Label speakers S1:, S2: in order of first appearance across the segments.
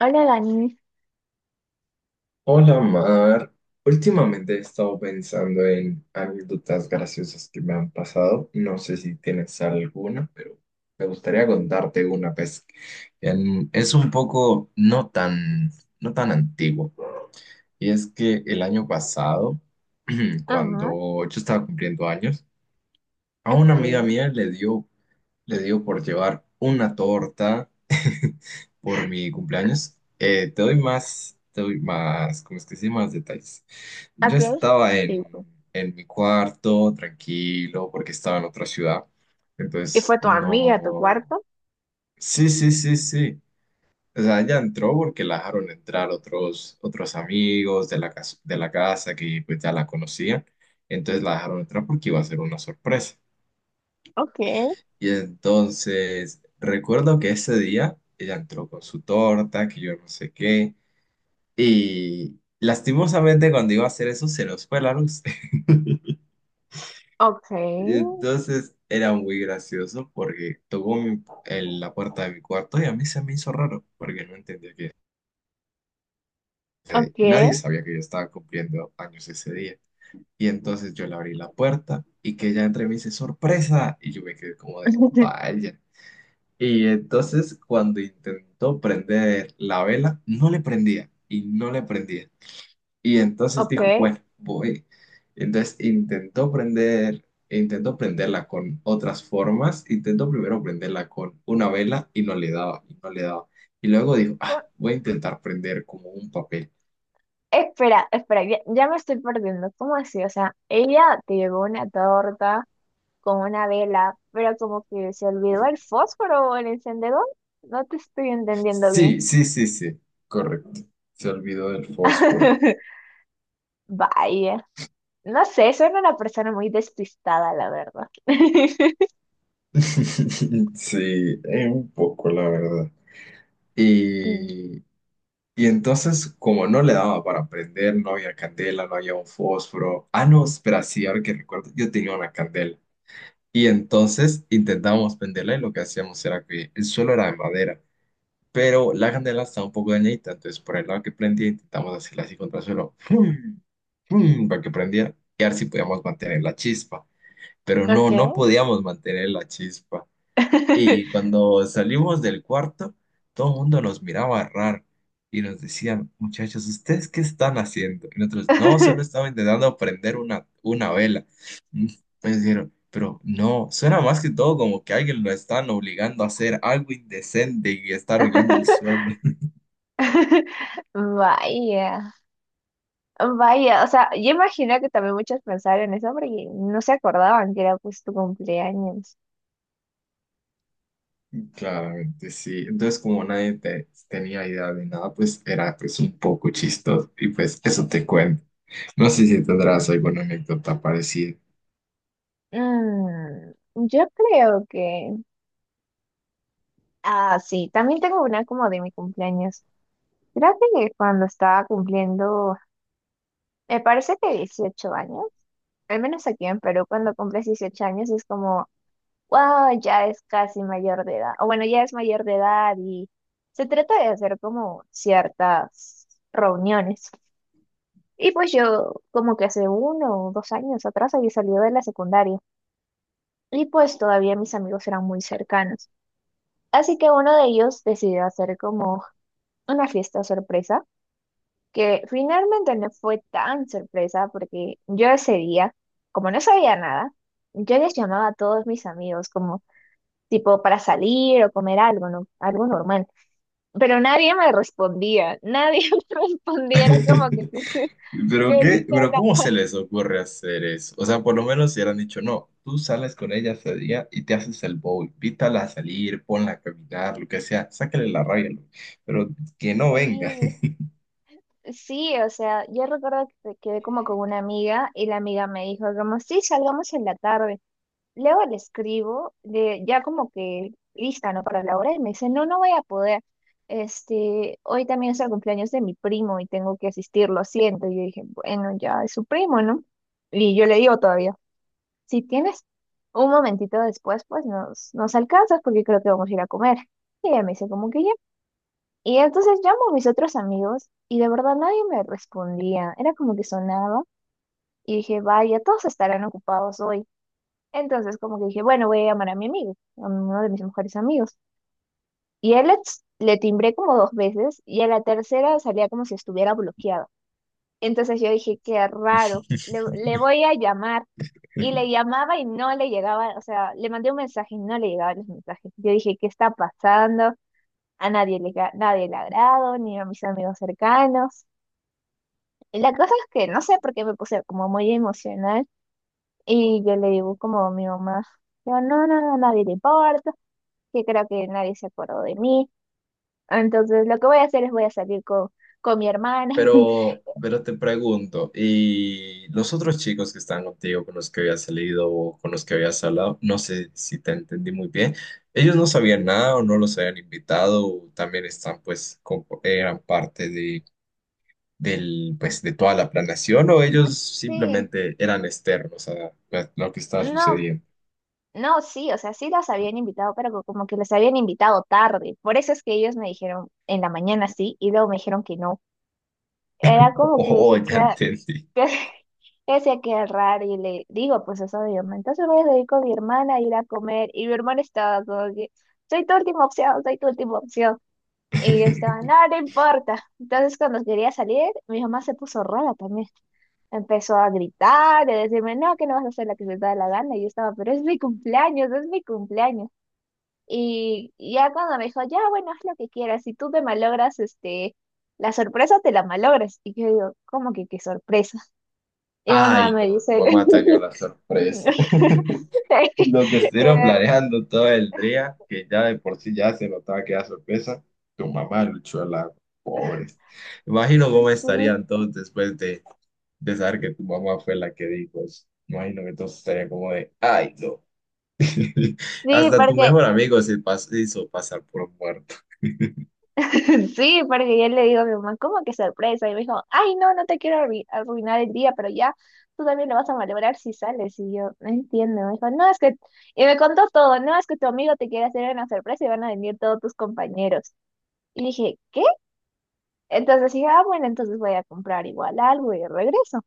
S1: Hola, Dani.
S2: Hola Mar, últimamente he estado pensando en anécdotas graciosas que me han pasado. No sé si tienes alguna, pero me gustaría contarte una, pues es un poco no tan, no tan antiguo. Y es que el año pasado,
S1: Ajá,
S2: cuando yo estaba cumpliendo años, a una amiga
S1: ok.
S2: mía le dio le digo por llevar una torta por mi cumpleaños. Te doy más, ¿cómo es que se llama? Más detalles. Yo
S1: Ok,
S2: estaba
S1: sí, sí.
S2: en mi cuarto, tranquilo, porque estaba en otra ciudad.
S1: ¿Y
S2: Entonces,
S1: fue tu amiga a tu
S2: no.
S1: cuarto?
S2: Sí, sí, sí, sí. O sea, ella entró porque la dejaron entrar otros amigos de la casa que pues ya la conocían. Entonces la dejaron entrar porque iba a ser una sorpresa.
S1: Ok,
S2: Y entonces, recuerdo que ese día ella entró con su torta, que yo no sé qué, y lastimosamente cuando iba a hacer eso se nos fue la luz.
S1: ok,
S2: Y entonces era muy gracioso porque tocó mi- en la puerta de mi cuarto y a mí se me hizo raro porque no entendía que
S1: ok.
S2: nadie sabía que yo estaba cumpliendo años ese día. Y entonces yo le abrí la puerta y que ella entre y me dice, sorpresa, y yo me quedé como de, vaya. Y entonces cuando intentó prender la vela, no le prendía y no le prendía. Y entonces
S1: Ok.
S2: dijo, bueno, voy. Entonces intentó prender, intentó prenderla con otras formas, intentó primero prenderla con una vela y no le daba, y no le daba. Y luego dijo, ah,
S1: Co-
S2: voy a intentar prender como un papel.
S1: Espera, espera, ya me estoy perdiendo. ¿Cómo así? O sea, ella te llevó una torta con una vela, pero como que se olvidó el fósforo o el encendedor. No te estoy entendiendo
S2: Sí,
S1: bien.
S2: sí, sí, sí, correcto. Se olvidó del fósforo.
S1: Vaya, no sé, soy una persona muy despistada, la verdad.
S2: Sí, un poco, la verdad.
S1: Mm.
S2: Y Y entonces, como no le daba para prender, no había candela, no había un fósforo. Ah, no, espera, sí, ahora que recuerdo, yo tenía una candela. Y entonces intentábamos prenderla y lo que hacíamos era que el suelo era de madera, pero la candela estaba un poco dañadita, entonces por el lado que prendía intentamos hacerla así contra el suelo, ¡fum! ¡Fum! Para que prendiera y a ver si podíamos mantener la chispa. Pero
S1: Ok.
S2: no, no podíamos mantener la chispa. Y cuando salimos del cuarto, todo el mundo nos miraba raro y nos decían, muchachos, ¿ustedes qué están haciendo? Y nosotros, no, solo estaba intentando prender una vela. Mm, me dijeron, pero no, suena más que todo como que alguien lo están obligando a hacer algo indecente y estar hollando el suelo.
S1: Vaya, vaya, o sea, yo imagino que también muchos pensaron eso porque no se acordaban que era pues tu cumpleaños.
S2: Claramente, sí. Entonces, como nadie te- tenía idea de nada, pues era pues un poco chistoso. Y pues eso te cuento. No sé si tendrás alguna anécdota parecida.
S1: Yo creo que. Ah, sí, también tengo una como de mi cumpleaños. Creo que cuando estaba cumpliendo, me parece que 18 años, al menos aquí en Perú, cuando cumples 18 años es como wow, ya es casi mayor de edad, o bueno, ya es mayor de edad y se trata de hacer como ciertas reuniones. Y pues yo como que hace 1 o 2 años atrás había salido de la secundaria y pues todavía mis amigos eran muy cercanos. Así que uno de ellos decidió hacer como una fiesta sorpresa, que finalmente no fue tan sorpresa porque yo ese día, como no sabía nada, yo les llamaba a todos mis amigos como. Tipo para salir o comer algo, ¿no? Algo normal. Pero nadie me respondía, nadie me respondía, era como que sí, sí,
S2: ¿Pero
S1: que
S2: qué?
S1: sí,
S2: ¿Pero
S1: sola.
S2: cómo se les ocurre hacer eso? O sea, por lo menos si hubieran dicho, no, tú sales con ella ese día y te haces el bobo, invítala a salir, ponla a caminar, lo que sea, sácale la rabia, lo- pero que no venga.
S1: Sí, sí, o sea, yo recuerdo que quedé como con una amiga y la amiga me dijo como, sí, salgamos en la tarde. Luego le escribo, de, ya como que lista, ¿no? Para la hora y me dice, no, no voy a poder. Este, hoy también es el cumpleaños de mi primo y tengo que asistir, lo siento. Y yo dije, bueno, ya es su primo, ¿no? Y yo le digo todavía. Si tienes un momentito después, pues nos alcanzas porque creo que vamos a ir a comer. Y ella me dice como que ya. Y entonces llamo a mis otros amigos y de verdad nadie me respondía. Era como que sonaba y dije, vaya, todos estarán ocupados hoy. Entonces como que dije, bueno, voy a llamar a mi amigo, a uno de mis mejores amigos. Y él le timbré como dos veces y a la tercera salía como si estuviera bloqueado. Entonces yo dije, qué raro, le voy a llamar. Y le llamaba y no le llegaba, o sea, le mandé un mensaje y no le llegaban los mensajes. Yo dije, ¿qué está pasando? A nadie nadie le agrado, ni a mis amigos cercanos. Y la cosa es que no sé por qué me puse como muy emocional y yo le digo como a mi mamá, yo, no, no, no, nadie le importa, que creo que nadie se acordó de mí. Entonces lo que voy a hacer es voy a salir con, mi hermana.
S2: Pero te pregunto, ¿y los otros chicos que están contigo, con los que habías salido o con los que habías hablado, no sé si te entendí muy bien, ellos no sabían nada o no los habían invitado o también están, pues, compo- eran parte del, pues, de toda la planeación o ellos
S1: Sí,
S2: simplemente eran externos a lo que estaba
S1: no.
S2: sucediendo?
S1: No, sí, o sea, sí las habían invitado, pero como que les habían invitado tarde. Por eso es que ellos me dijeron en la mañana sí y luego me dijeron que no. Era
S2: Oh,
S1: como que
S2: oh,
S1: dije que,
S2: ya entendí.
S1: que yo decía que era raro y le digo, pues eso de mi hermana. Entonces voy a ir con mi hermana a ir a comer y mi hermana estaba como que, soy tu última opción, soy tu última opción. Y yo estaba, no, no importa. Entonces cuando quería salir, mi mamá se puso rara también. Empezó a gritar, a decirme, no, que no vas a hacer la que se te da la gana. Y yo estaba, pero es mi cumpleaños, es mi cumpleaños. Y ya cuando me dijo, ya, bueno, haz lo que quieras. Si tú me malogras, este, la sorpresa te la malogras. Y yo digo, ¿cómo que qué sorpresa? Y mamá
S2: Ay,
S1: me
S2: no, tu
S1: dice.
S2: mamá te dio la sorpresa. Lo que estuvieron
S1: eh,
S2: planeando todo el día, que ya de por sí ya se notaba que era sorpresa, tu mamá luchó a la pobres. Imagino cómo
S1: sí,
S2: estarían todos después de saber que tu mamá fue la que dijo eso. Imagino que todos estarían como de, ay, no.
S1: sí,
S2: Hasta tu
S1: porque
S2: mejor amigo se pas- hizo pasar por muerto.
S1: sí, porque yo le digo a mi mamá, ¿cómo que sorpresa? Y me dijo, ay, no, no te quiero arruinar el día, pero ya tú también lo vas a malograr si sales. Y yo, no entiendo. Me dijo, no, es que. Y me contó todo, no, es que tu amigo te quiere hacer una sorpresa y van a venir todos tus compañeros. Y dije, ¿qué? Entonces dije, ah, bueno, entonces voy a comprar igual algo y regreso.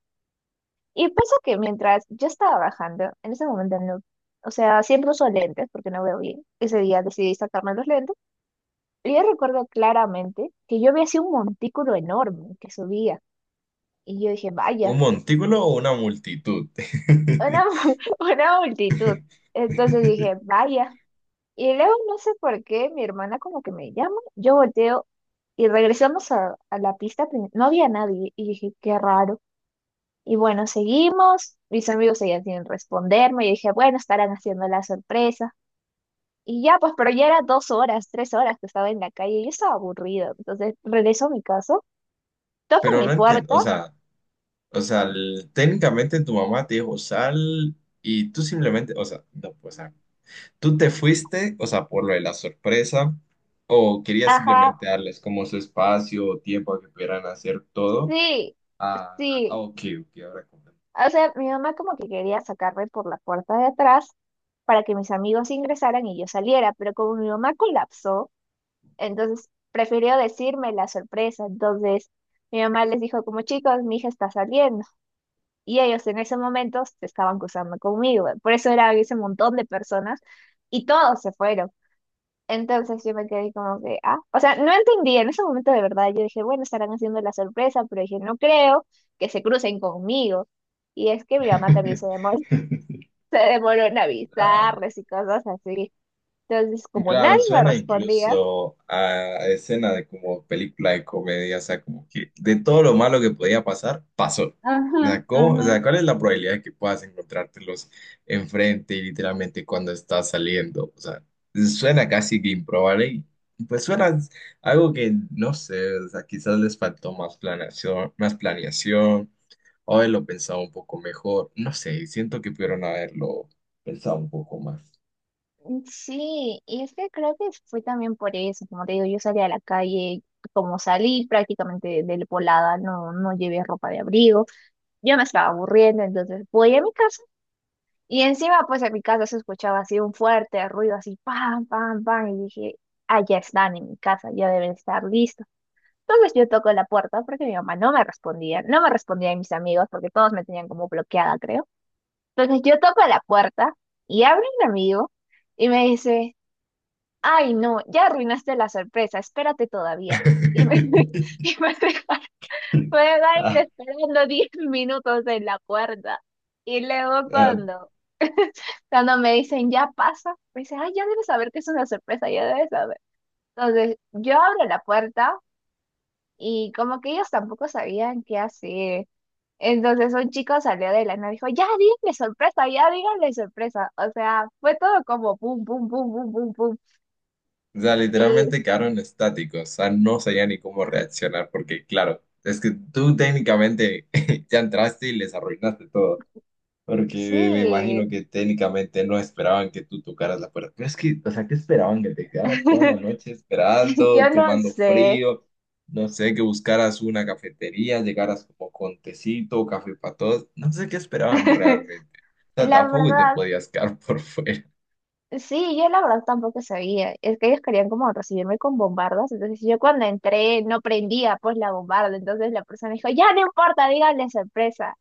S1: Y pasa que mientras yo estaba bajando, en ese momento no. O sea, siempre uso lentes porque no veo bien. Ese día decidí sacarme los lentes. Yo recuerdo claramente que yo había sido un montículo enorme que subía y yo dije, vaya,
S2: ¿Un montículo o una multitud?
S1: una multitud. Entonces dije, vaya. Y luego no sé por qué mi hermana como que me llama, yo volteo y regresamos a, la pista, no había nadie y dije, qué raro. Y bueno, seguimos, mis amigos seguían sin responderme y dije, bueno, estarán haciendo la sorpresa. Y ya, pues, pero ya era dos horas, tres horas que estaba en la calle y yo estaba aburrida. Entonces regreso a mi casa, toco
S2: Pero
S1: mi
S2: no entiendo,
S1: puerta.
S2: o sea, el- técnicamente tu mamá te dijo sal y tú simplemente, o sea, no, pues, o sea, tú te fuiste, o sea, por lo de la sorpresa, o querías
S1: Ajá,
S2: simplemente darles como su espacio o tiempo a que pudieran hacer todo.
S1: sí,
S2: Ah, ah,
S1: sí.
S2: ok, ok, ahora comprendo.
S1: O sea, mi mamá como que quería sacarme por la puerta de atrás para que mis amigos ingresaran y yo saliera, pero como mi mamá colapsó, entonces prefirió decirme la sorpresa. Entonces mi mamá les dijo como chicos, mi hija está saliendo. Y ellos en ese momento se estaban cruzando conmigo. Por eso era ese montón de personas y todos se fueron. Entonces yo me quedé como que, ah, o sea, no entendí en ese momento de verdad. Yo dije, bueno, estarán haciendo la sorpresa, pero dije, no creo que se crucen conmigo. Y es que mi mamá también se demoró, se demoró en
S2: La,
S1: avisarles y cosas así. Entonces, como
S2: claro,
S1: nadie me
S2: suena
S1: respondía,
S2: incluso a escena de como película de comedia, o sea, como que de todo lo malo que podía pasar, pasó.
S1: ajá,
S2: O sea, ¿cómo? O
S1: ajá.
S2: sea, ¿cuál es la probabilidad de que puedas encontrártelos enfrente y literalmente cuando estás saliendo? O sea, suena casi que improbable y pues suena algo que no sé, o sea, quizás les faltó más planeación, o haberlo pensado un poco mejor, no sé, siento que pudieron haberlo pensado un poco más.
S1: Sí, y es que creo que fue también por eso. Como te digo, yo salí a la calle, como salí prácticamente de, volada, no, no llevé ropa de abrigo. Yo me estaba aburriendo, entonces voy a mi casa. Y encima, pues en mi casa se escuchaba así un fuerte ruido, así pam, pam, pam, y dije, ah, ya están en mi casa, ya deben estar listos. Entonces yo toco la puerta porque mi mamá no me respondía, no me respondían mis amigos porque todos me tenían como bloqueada, creo. Entonces yo toco la puerta y abre un amigo y me dice, ay, no, ya arruinaste la sorpresa, espérate todavía. Y me y me dejaron
S2: Ah,
S1: esperando 10 minutos en la puerta. Y luego
S2: ah,
S1: cuando me dicen, ya pasa, me dicen, ay, ya debes saber que es una sorpresa, ya debes saber. Entonces, yo abro la puerta y como que ellos tampoco sabían qué hacer. Entonces, un chico salió de la nada y dijo, ya díganle sorpresa, ya díganle sorpresa. O sea, fue todo como pum, pum, pum, pum, pum, pum.
S2: o sea,
S1: Y
S2: literalmente quedaron estáticos, o sea, no sabía ni cómo reaccionar porque, claro, es que tú técnicamente ya entraste y les arruinaste todo, porque me
S1: sí,
S2: imagino que técnicamente no esperaban que tú tocaras la puerta. Pero es que, o sea, ¿qué esperaban? Que te quedaras toda la noche esperando,
S1: yo no
S2: tomando
S1: sé.
S2: frío, no sé, que buscaras una cafetería, llegaras como con tecito, café para todos, no sé qué esperaban realmente. O sea,
S1: La
S2: tampoco te
S1: verdad,
S2: podías quedar por fuera.
S1: sí, yo la verdad tampoco sabía. Es que ellos querían como recibirme con bombardas. Entonces yo cuando entré no prendía pues la bombarda. Entonces la persona dijo, ya no importa, díganle sorpresa.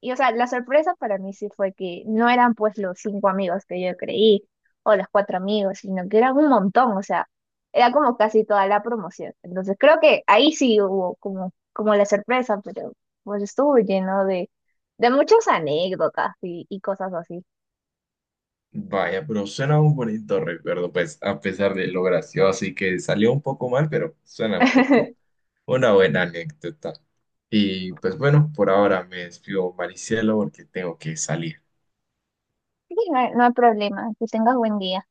S1: Y o sea, la sorpresa para mí sí fue que no eran pues los cinco amigos que yo creí o los cuatro amigos, sino que eran un montón. O sea, era como casi toda la promoción. Entonces creo que ahí sí hubo como, como la sorpresa, pero pues estuvo lleno de, muchas anécdotas y, cosas así.
S2: Vaya, pero suena un bonito recuerdo, pues a pesar de lo gracioso y que salió un poco mal, pero suena un poco una buena anécdota. Y pues bueno, por ahora me despido, Maricielo, porque tengo que salir.
S1: Sí, no hay, no hay problema. Que tengas buen día.